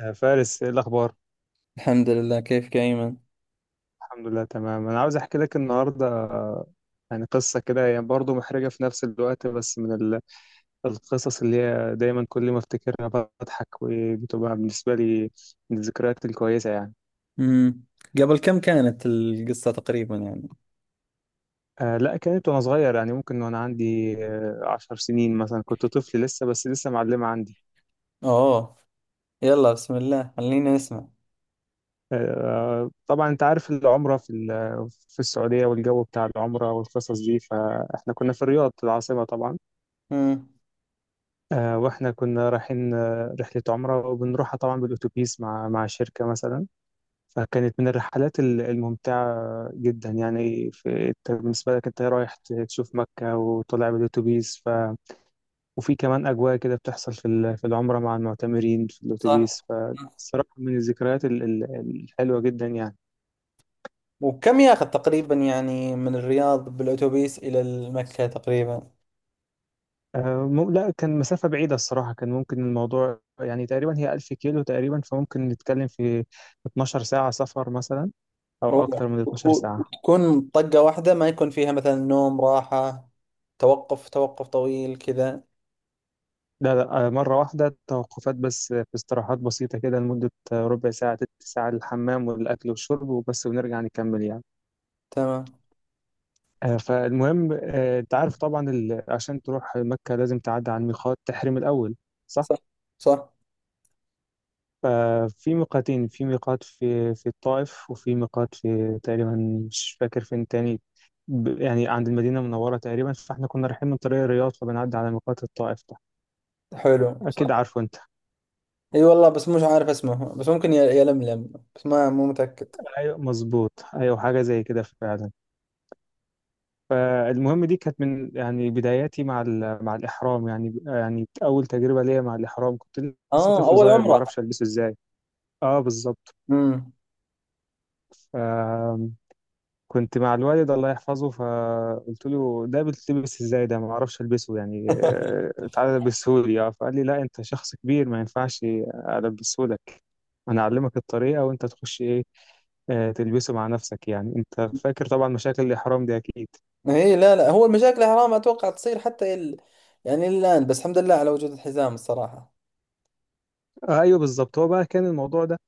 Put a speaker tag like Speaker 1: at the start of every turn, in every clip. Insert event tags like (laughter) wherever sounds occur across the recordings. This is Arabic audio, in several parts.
Speaker 1: يا فارس ايه الاخبار؟
Speaker 2: الحمد لله، كيفك يا أيمن؟
Speaker 1: الحمد لله تمام، انا عاوز احكي لك النهارده يعني قصه كده هي برضه محرجه في نفس الوقت، بس من القصص اللي هي دايما كل ما افتكرها بضحك، وبتبقى بالنسبه لي من الذكريات الكويسه يعني.
Speaker 2: امم قبل كم كانت القصة تقريبا يعني؟
Speaker 1: آه لا، كانت وانا صغير، يعني ممكن وانا عندي عشر سنين مثلا، كنت طفل لسه، بس لسه معلمه عندي.
Speaker 2: اوه. يلا بسم الله، خلينا نسمع.
Speaker 1: آه طبعا انت عارف العمره في السعوديه، والجو بتاع العمره والقصص دي، فاحنا كنا في الرياض العاصمه طبعا.
Speaker 2: امم
Speaker 1: واحنا كنا رايحين رحلة عمرة، وبنروحها طبعا بالأتوبيس مع شركة مثلا. فكانت من الرحلات الممتعة جدا يعني، في أنت بالنسبة لك انت رايح تشوف مكة وطالع بالأتوبيس ف... وفي كمان أجواء كده بتحصل في العمرة مع المعتمرين في
Speaker 2: صح.
Speaker 1: الأتوبيس، فالصراحة من الذكريات الحلوة جدا يعني.
Speaker 2: وكم ياخذ تقريبا يعني من الرياض بالأتوبيس إلى مكة تقريبا؟
Speaker 1: لا، كان مسافة بعيدة الصراحة، كان ممكن الموضوع يعني تقريبا هي 1,000 كيلو تقريبا، فممكن نتكلم في 12 ساعة سفر مثلا، أو
Speaker 2: أوه.
Speaker 1: أكتر من 12 ساعة.
Speaker 2: وتكون طقة واحدة، ما يكون فيها مثلا نوم راحة، توقف طويل كذا.
Speaker 1: لا لا، مرة واحدة توقفات بس، في استراحات بسيطة كده لمدة ربع ساعة تلت ساعة للحمام والأكل والشرب وبس، ونرجع نكمل يعني.
Speaker 2: تمام.
Speaker 1: فالمهم أنت عارف طبعا عشان تروح مكة لازم تعدي على الميقات تحرم الأول، صح؟
Speaker 2: صح، صح.
Speaker 1: ففي ميقاتين، في ميقات في الطائف، وفي ميقات في تقريبا، مش فاكر فين تاني، يعني عند المدينة المنورة تقريبا، فاحنا كنا رايحين من طريق الرياض فبنعدي على ميقات الطائف ده،
Speaker 2: حلو،
Speaker 1: أكيد
Speaker 2: صح.
Speaker 1: عارفه أنت.
Speaker 2: اي والله، بس مش عارف اسمه، بس ممكن يلملم، بس ما مو متأكد.
Speaker 1: ايوه مظبوط، ايوه حاجه زي كده فعلا. فالمهم، دي كانت من يعني بداياتي مع مع الاحرام، يعني اول تجربه ليا مع الاحرام، كنت لسه
Speaker 2: اه،
Speaker 1: طفل
Speaker 2: اول
Speaker 1: صغير ما
Speaker 2: عمرة.
Speaker 1: اعرفش البسه ازاي. اه بالظبط.
Speaker 2: امم
Speaker 1: آم، كنت مع الوالد الله يحفظه، فقلت له ده بتلبس ازاي؟ ده ما اعرفش البسه يعني، تعالى البسه لي. اه، فقال لي لا، انت شخص كبير، ما ينفعش البسه لك، انا اعلمك الطريقه وانت تخش ايه، تلبسه مع نفسك. يعني انت فاكر طبعا مشاكل الاحرام دي اكيد.
Speaker 2: اي (laughs) لا، لا، هو المشاكل حرام اتوقع تصير حتى ال... يعني الان، بس الحمد لله على وجود الحزام الصراحه.
Speaker 1: ايوه بالظبط، هو بقى كان الموضوع ده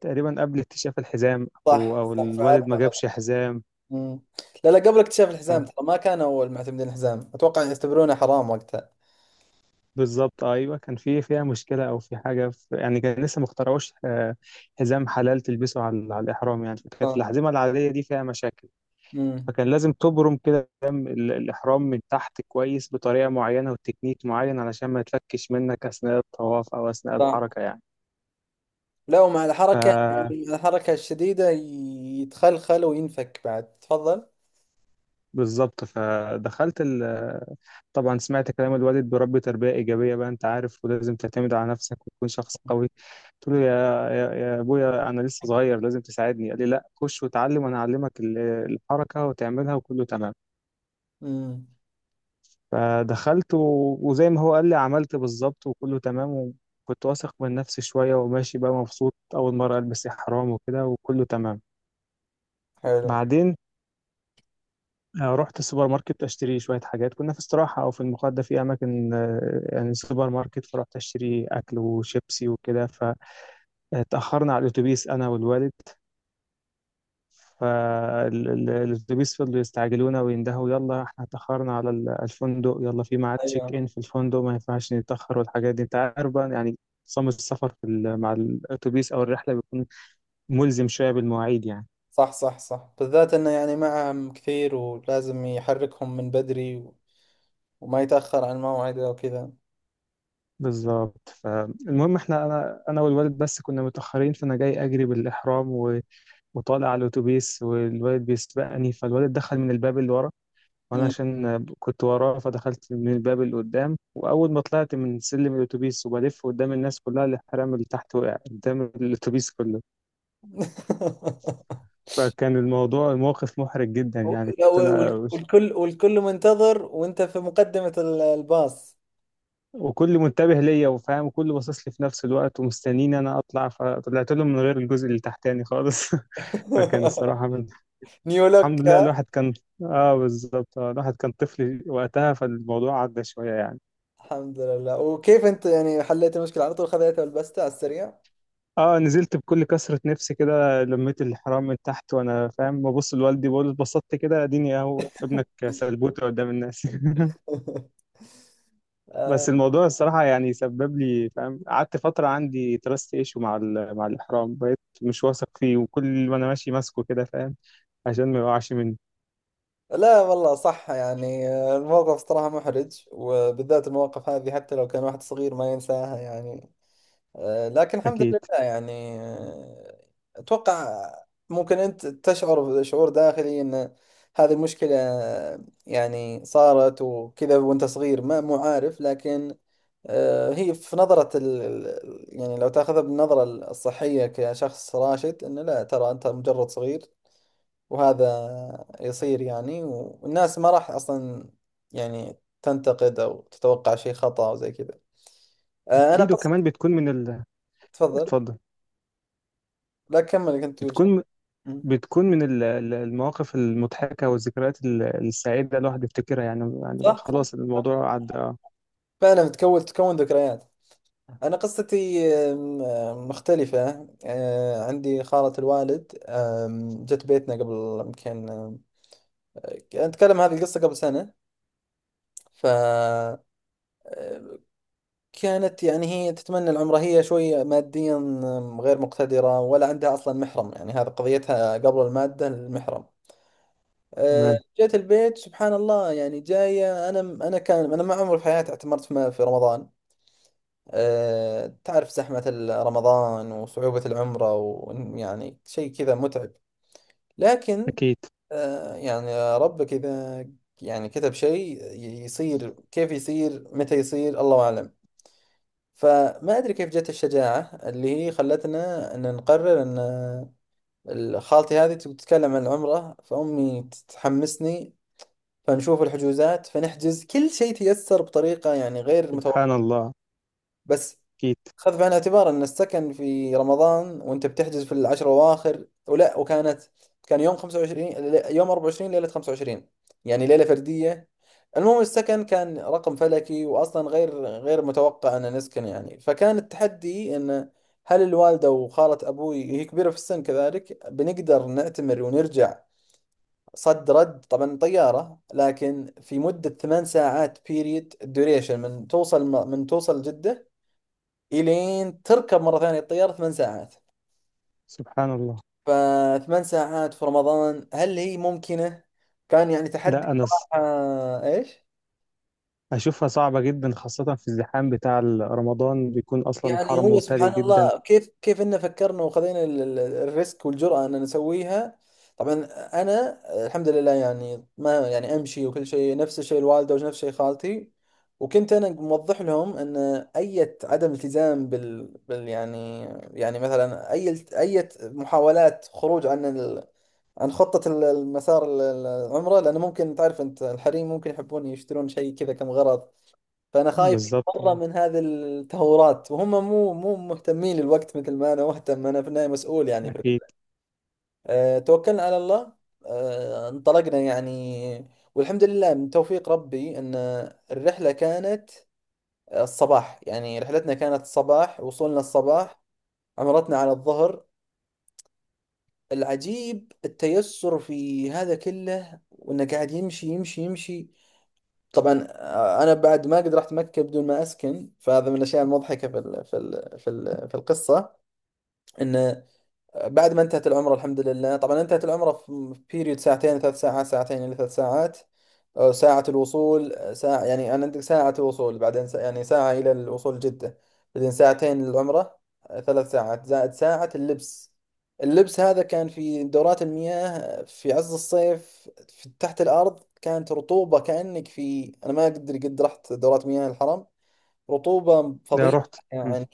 Speaker 1: تقريبا قبل اكتشاف الحزام، او
Speaker 2: صح، صح، فعلت
Speaker 1: الوالد ما
Speaker 2: غلط.
Speaker 1: جابش حزام.
Speaker 2: امم لا، لا، قبل اكتشاف
Speaker 1: ف-
Speaker 2: الحزام ترى ما كان اول معتمدين الحزام اتوقع يعتبرونه حرام وقتها.
Speaker 1: بالظبط، ايوه كان في، فيها مشكله او في حاجه في، يعني كان لسه ما اخترعوش حزام حلال تلبسه على الاحرام يعني، فكانت
Speaker 2: صح.
Speaker 1: الاحزمه العاديه دي فيها مشاكل.
Speaker 2: امم
Speaker 1: فكان لازم تبرم كده دم الاحرام من تحت كويس بطريقه معينه وتكنيك معين علشان ما يتفكش منك اثناء الطواف او اثناء
Speaker 2: صح.
Speaker 1: الحركه
Speaker 2: لا، ومع الحركه يعني،
Speaker 1: يعني.
Speaker 2: مع الحركه الشديده يتخلخل وينفك بعد. تفضل.
Speaker 1: بالظبط، فدخلت ال... طبعا سمعت كلام الوالد، بربي تربية إيجابية بقى أنت عارف، ولازم تعتمد على نفسك وتكون شخص قوي. قلت له يا يا أبويا، أنا لسه صغير لازم تساعدني. قال لي لا، خش وتعلم، وأنا أعلمك الحركة وتعملها وكله تمام.
Speaker 2: امم
Speaker 1: فدخلت و... وزي ما هو قال لي، عملت بالظبط وكله تمام، وكنت واثق من نفسي شوية وماشي بقى مبسوط، أول مرة ألبس إحرام وكده، وكله تمام.
Speaker 2: حلو.
Speaker 1: بعدين رحت السوبر ماركت اشتري شويه حاجات، كنا في استراحه او في المقعد ده في اماكن يعني سوبر ماركت، فرحت اشتري اكل وشيبسي وكده، فتاخرنا على الاتوبيس انا والوالد. فالاتوبيس فضلوا يستعجلونا ويندهوا، يلا احنا اتاخرنا على الفندق، يلا في ميعاد تشيك
Speaker 2: ايوه.
Speaker 1: ان في الفندق، ما ينفعش نتاخر، والحاجات دي انت عارف بقى يعني نظام السفر مع الاتوبيس او الرحله، بيكون ملزم شويه بالمواعيد يعني.
Speaker 2: صح، صح، صح، بالذات انه يعني معهم كثير ولازم يحركهم من بدري وما يتاخر عن موعده وكذا.
Speaker 1: بالظبط، فالمهم احنا، انا والوالد بس كنا متاخرين، فانا جاي اجري بالاحرام و... وطالع على الاتوبيس، والوالد بيسبقني، فالوالد دخل من الباب اللي ورا، وانا
Speaker 2: مم.
Speaker 1: عشان كنت وراه فدخلت من الباب اللي قدام، واول ما طلعت من سلم الاتوبيس وبلف قدام الناس كلها، الاحرام اللي تحت وقع قدام الاتوبيس كله.
Speaker 2: (laughs)
Speaker 1: فكان الموضوع، الموقف محرج جدا
Speaker 2: و-
Speaker 1: يعني،
Speaker 2: لا،
Speaker 1: كنت
Speaker 2: و- وال-
Speaker 1: انا
Speaker 2: والكل والكل منتظر، وانت في مقدمة الباص.
Speaker 1: وكل منتبه ليا وفاهم، وكل باصص لي في نفس الوقت ومستنيني انا اطلع، فطلعت لهم من غير الجزء اللي تحتاني خالص (laughs) فكان
Speaker 2: (laughs)
Speaker 1: الصراحه من،
Speaker 2: نيولوك،
Speaker 1: الحمد لله
Speaker 2: ها؟
Speaker 1: الواحد كان، اه بالظبط، آه الواحد كان طفل وقتها فالموضوع عدى شويه يعني.
Speaker 2: الحمد لله. وكيف انت يعني حليت المشكلة؟ على طول خذيتها ولبستها على السريع؟
Speaker 1: اه، نزلت بكل كثره نفسي كده، لميت الحرام من تحت وانا فاهم، ببص لوالدي بقول له اتبسطت كده، اديني اهو ابنك سلبوته قدام الناس (laughs)
Speaker 2: (laughs) آه.
Speaker 1: بس الموضوع الصراحة يعني سبب لي، فاهم، قعدت فترة عندي تراست ايشو مع مع الإحرام، بقيت مش واثق فيه، وكل ما أنا ماشي ماسكه كده فاهم، عشان ما يقعش مني.
Speaker 2: لا والله، صح، يعني الموقف صراحة محرج، وبالذات المواقف هذه حتى لو كان واحد صغير ما ينساها يعني. لكن الحمد
Speaker 1: أكيد.
Speaker 2: لله. يعني أتوقع ممكن أنت تشعر شعور داخلي أن هذه المشكلة آه، يعني صارت وكذا، وأنت صغير ما مو عارف. لكن هي في نظرة يعني لو تاخذها بالنظرة الصحية كشخص راشد، أنه لا ترى أنت مجرد صغير وهذا يصير، يعني، والناس ما راح أصلا يعني تنتقد أو تتوقع شيء خطأ أو زي كذا. أنا
Speaker 1: أكيد،
Speaker 2: قصة.
Speaker 1: وكمان بتكون من ال،
Speaker 2: تفضل.
Speaker 1: اتفضل.
Speaker 2: لا كمل، كنت تقول شيء.
Speaker 1: بتكون
Speaker 2: مم.
Speaker 1: بتكون من المواقف المضحكة والذكريات السعيدة، الواحد بيفتكرها يعني، يعني
Speaker 2: صح، صح،
Speaker 1: خلاص الموضوع عدى
Speaker 2: فعلا بتكون، تكون ذكريات. أنا قصتي أم، أم، مختلفة. عندي خالة الوالد جت بيتنا قبل يمكن، أتكلم هذه القصة قبل سنة. ف كانت يعني هي تتمنى العمرة، هي شوية ماديا غير مقتدرة، ولا عندها أصلا محرم. يعني هذا قضيتها قبل المادة، المحرم.
Speaker 1: تمام.
Speaker 2: جت البيت سبحان الله، يعني جاية. أنا كان أنا ما عمري في حياتي اعتمرت في رمضان. تعرف زحمة رمضان وصعوبة العمرة، ويعني شيء كذا متعب. لكن
Speaker 1: أكيد.
Speaker 2: يعني ربك إذا يعني كتب شيء يصير، كيف يصير، متى يصير، الله أعلم. فما أدري كيف جت الشجاعة اللي هي خلتنا أن نقرر أن خالتي هذه تبي تتكلم عن العمرة، فأمي تحمسني. فنشوف الحجوزات، فنحجز، كل شيء تيسر بطريقة يعني غير
Speaker 1: سبحان
Speaker 2: متوقعة.
Speaker 1: الله.
Speaker 2: بس
Speaker 1: أكيد.
Speaker 2: خذ بعين الاعتبار ان السكن في رمضان وانت بتحجز في العشر الاواخر، ولا، وكانت، كان يوم 25، يوم 24، ليله 25، يعني ليله فرديه. المهم السكن كان رقم فلكي، واصلا غير متوقع ان نسكن يعني. فكان التحدي ان، هل الوالده وخاله ابوي هي كبيره في السن كذلك بنقدر نعتمر ونرجع صد رد، طبعا طياره، لكن في مده 8 ساعات بيريد، ديوريشن، من توصل جده إلين تركب مرة ثانية الطيارة 8 ساعات.
Speaker 1: سبحان الله.
Speaker 2: فثمان ساعات في رمضان هل هي ممكنة؟ كان يعني
Speaker 1: لا،
Speaker 2: تحدي
Speaker 1: أنا
Speaker 2: صراحة. إيش؟
Speaker 1: أشوفها صعبة جدا، خاصة في الزحام بتاع رمضان، بيكون أصلا
Speaker 2: يعني
Speaker 1: حرم
Speaker 2: هو
Speaker 1: ممتلئ
Speaker 2: سبحان
Speaker 1: جدا.
Speaker 2: الله، كيف إنه فكرنا وخذينا الريسك والجرأة إن نسويها. طبعا، أنا الحمد لله يعني، ما يعني، أمشي وكل شيء، نفس الشيء الوالدة، ونفس الشيء خالتي. وكنت أنا موضح لهم أن أي عدم التزام بال يعني، يعني مثلا أي محاولات خروج عن خطة المسار العمرة، لأنه ممكن تعرف أنت الحريم ممكن يحبون يشترون شيء كذا كم غرض. فأنا خايف
Speaker 1: بالظبط،
Speaker 2: مرة من هذه التهورات، وهم مو مهتمين للوقت مثل ما أنا مهتم. أنا في النهاية مسؤول يعني في
Speaker 1: أكيد.
Speaker 2: الوقت. توكلنا على الله. انطلقنا يعني. والحمد لله من توفيق ربي أن الرحلة كانت الصباح، يعني رحلتنا كانت الصباح، وصولنا الصباح، عمرتنا على الظهر. العجيب التيسر في هذا كله، وانه قاعد يمشي يمشي يمشي. طبعا انا بعد ما قد رحت مكة بدون ما اسكن، فهذا من الاشياء المضحكة في ال في ال في ال في القصة، انه بعد ما انتهت العمرة الحمد لله، طبعا انتهت العمرة في بيريود ساعتين إلى 3 ساعات. أو ساعة الوصول، ساعة يعني، أنا عندك ساعة الوصول، بعدين ساعة، يعني ساعة إلى الوصول جدة، بعدين ساعتين للعمرة. 3 ساعات زائد ساعة اللبس. اللبس هذا كان في دورات المياه في عز الصيف في تحت الأرض، كانت رطوبة كأنك في، أنا ما أقدر، قد رحت دورات مياه الحرم، رطوبة
Speaker 1: ده
Speaker 2: فظيعة
Speaker 1: رحت. مم،
Speaker 2: يعني،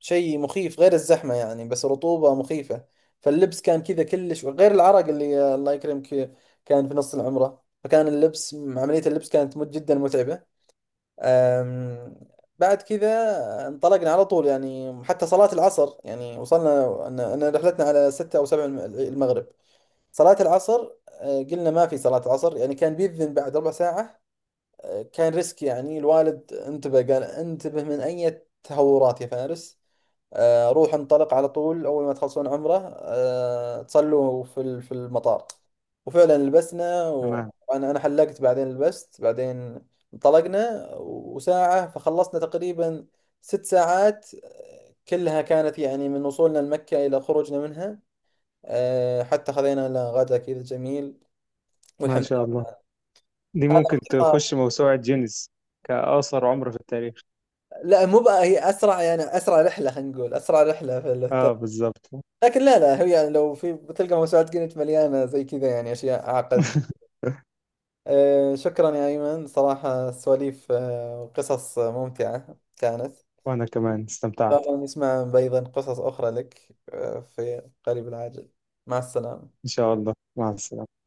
Speaker 2: شيء مخيف. غير الزحمة يعني، بس رطوبة مخيفة. فاللبس كان كذا كلش، غير العرق اللي الله يكرمك كان في نص العمرة. فكان اللبس، عملية اللبس كانت جدا متعبة. أم، بعد كذا انطلقنا على طول يعني، حتى صلاة العصر يعني وصلنا. أنا رحلتنا على 6 أو 7، المغرب صلاة العصر. قلنا ما في صلاة العصر، يعني كان بيذن بعد ربع ساعة. كان ريسك يعني. الوالد انتبه، قال: انتبه من أي تهورات يا فارس. روح انطلق على طول، أول ما تخلصون عمره تصلوا في في المطار. وفعلا لبسنا،
Speaker 1: تمام.
Speaker 2: وأنا حلقت، بعدين لبست، بعدين انطلقنا، وساعة فخلصنا تقريبا 6 ساعات كلها، كانت يعني من وصولنا لمكة إلى خروجنا منها، حتى خذينا لنا غدا كذا جميل،
Speaker 1: ما
Speaker 2: والحمد
Speaker 1: شاء الله، دي ممكن
Speaker 2: لله.
Speaker 1: تخش موسوعة جينيس كأقصر عمر في التاريخ.
Speaker 2: لا، مو بقى، هي اسرع يعني، اسرع رحله، خلينا نقول اسرع رحله في البتاع.
Speaker 1: آه بالظبط
Speaker 2: لكن لا، لا، هي يعني لو في، بتلقى موسوعات جينيت مليانه زي كذا يعني، اشياء اعقد.
Speaker 1: (laughs)
Speaker 2: أه، شكرا يا ايمن، صراحه سواليف وقصص ممتعه كانت.
Speaker 1: وأنا كمان
Speaker 2: ان شاء
Speaker 1: استمتعت.
Speaker 2: الله نسمع ايضا قصص اخرى لك في قريب العاجل. مع السلامه.
Speaker 1: إن شاء الله، مع السلامة.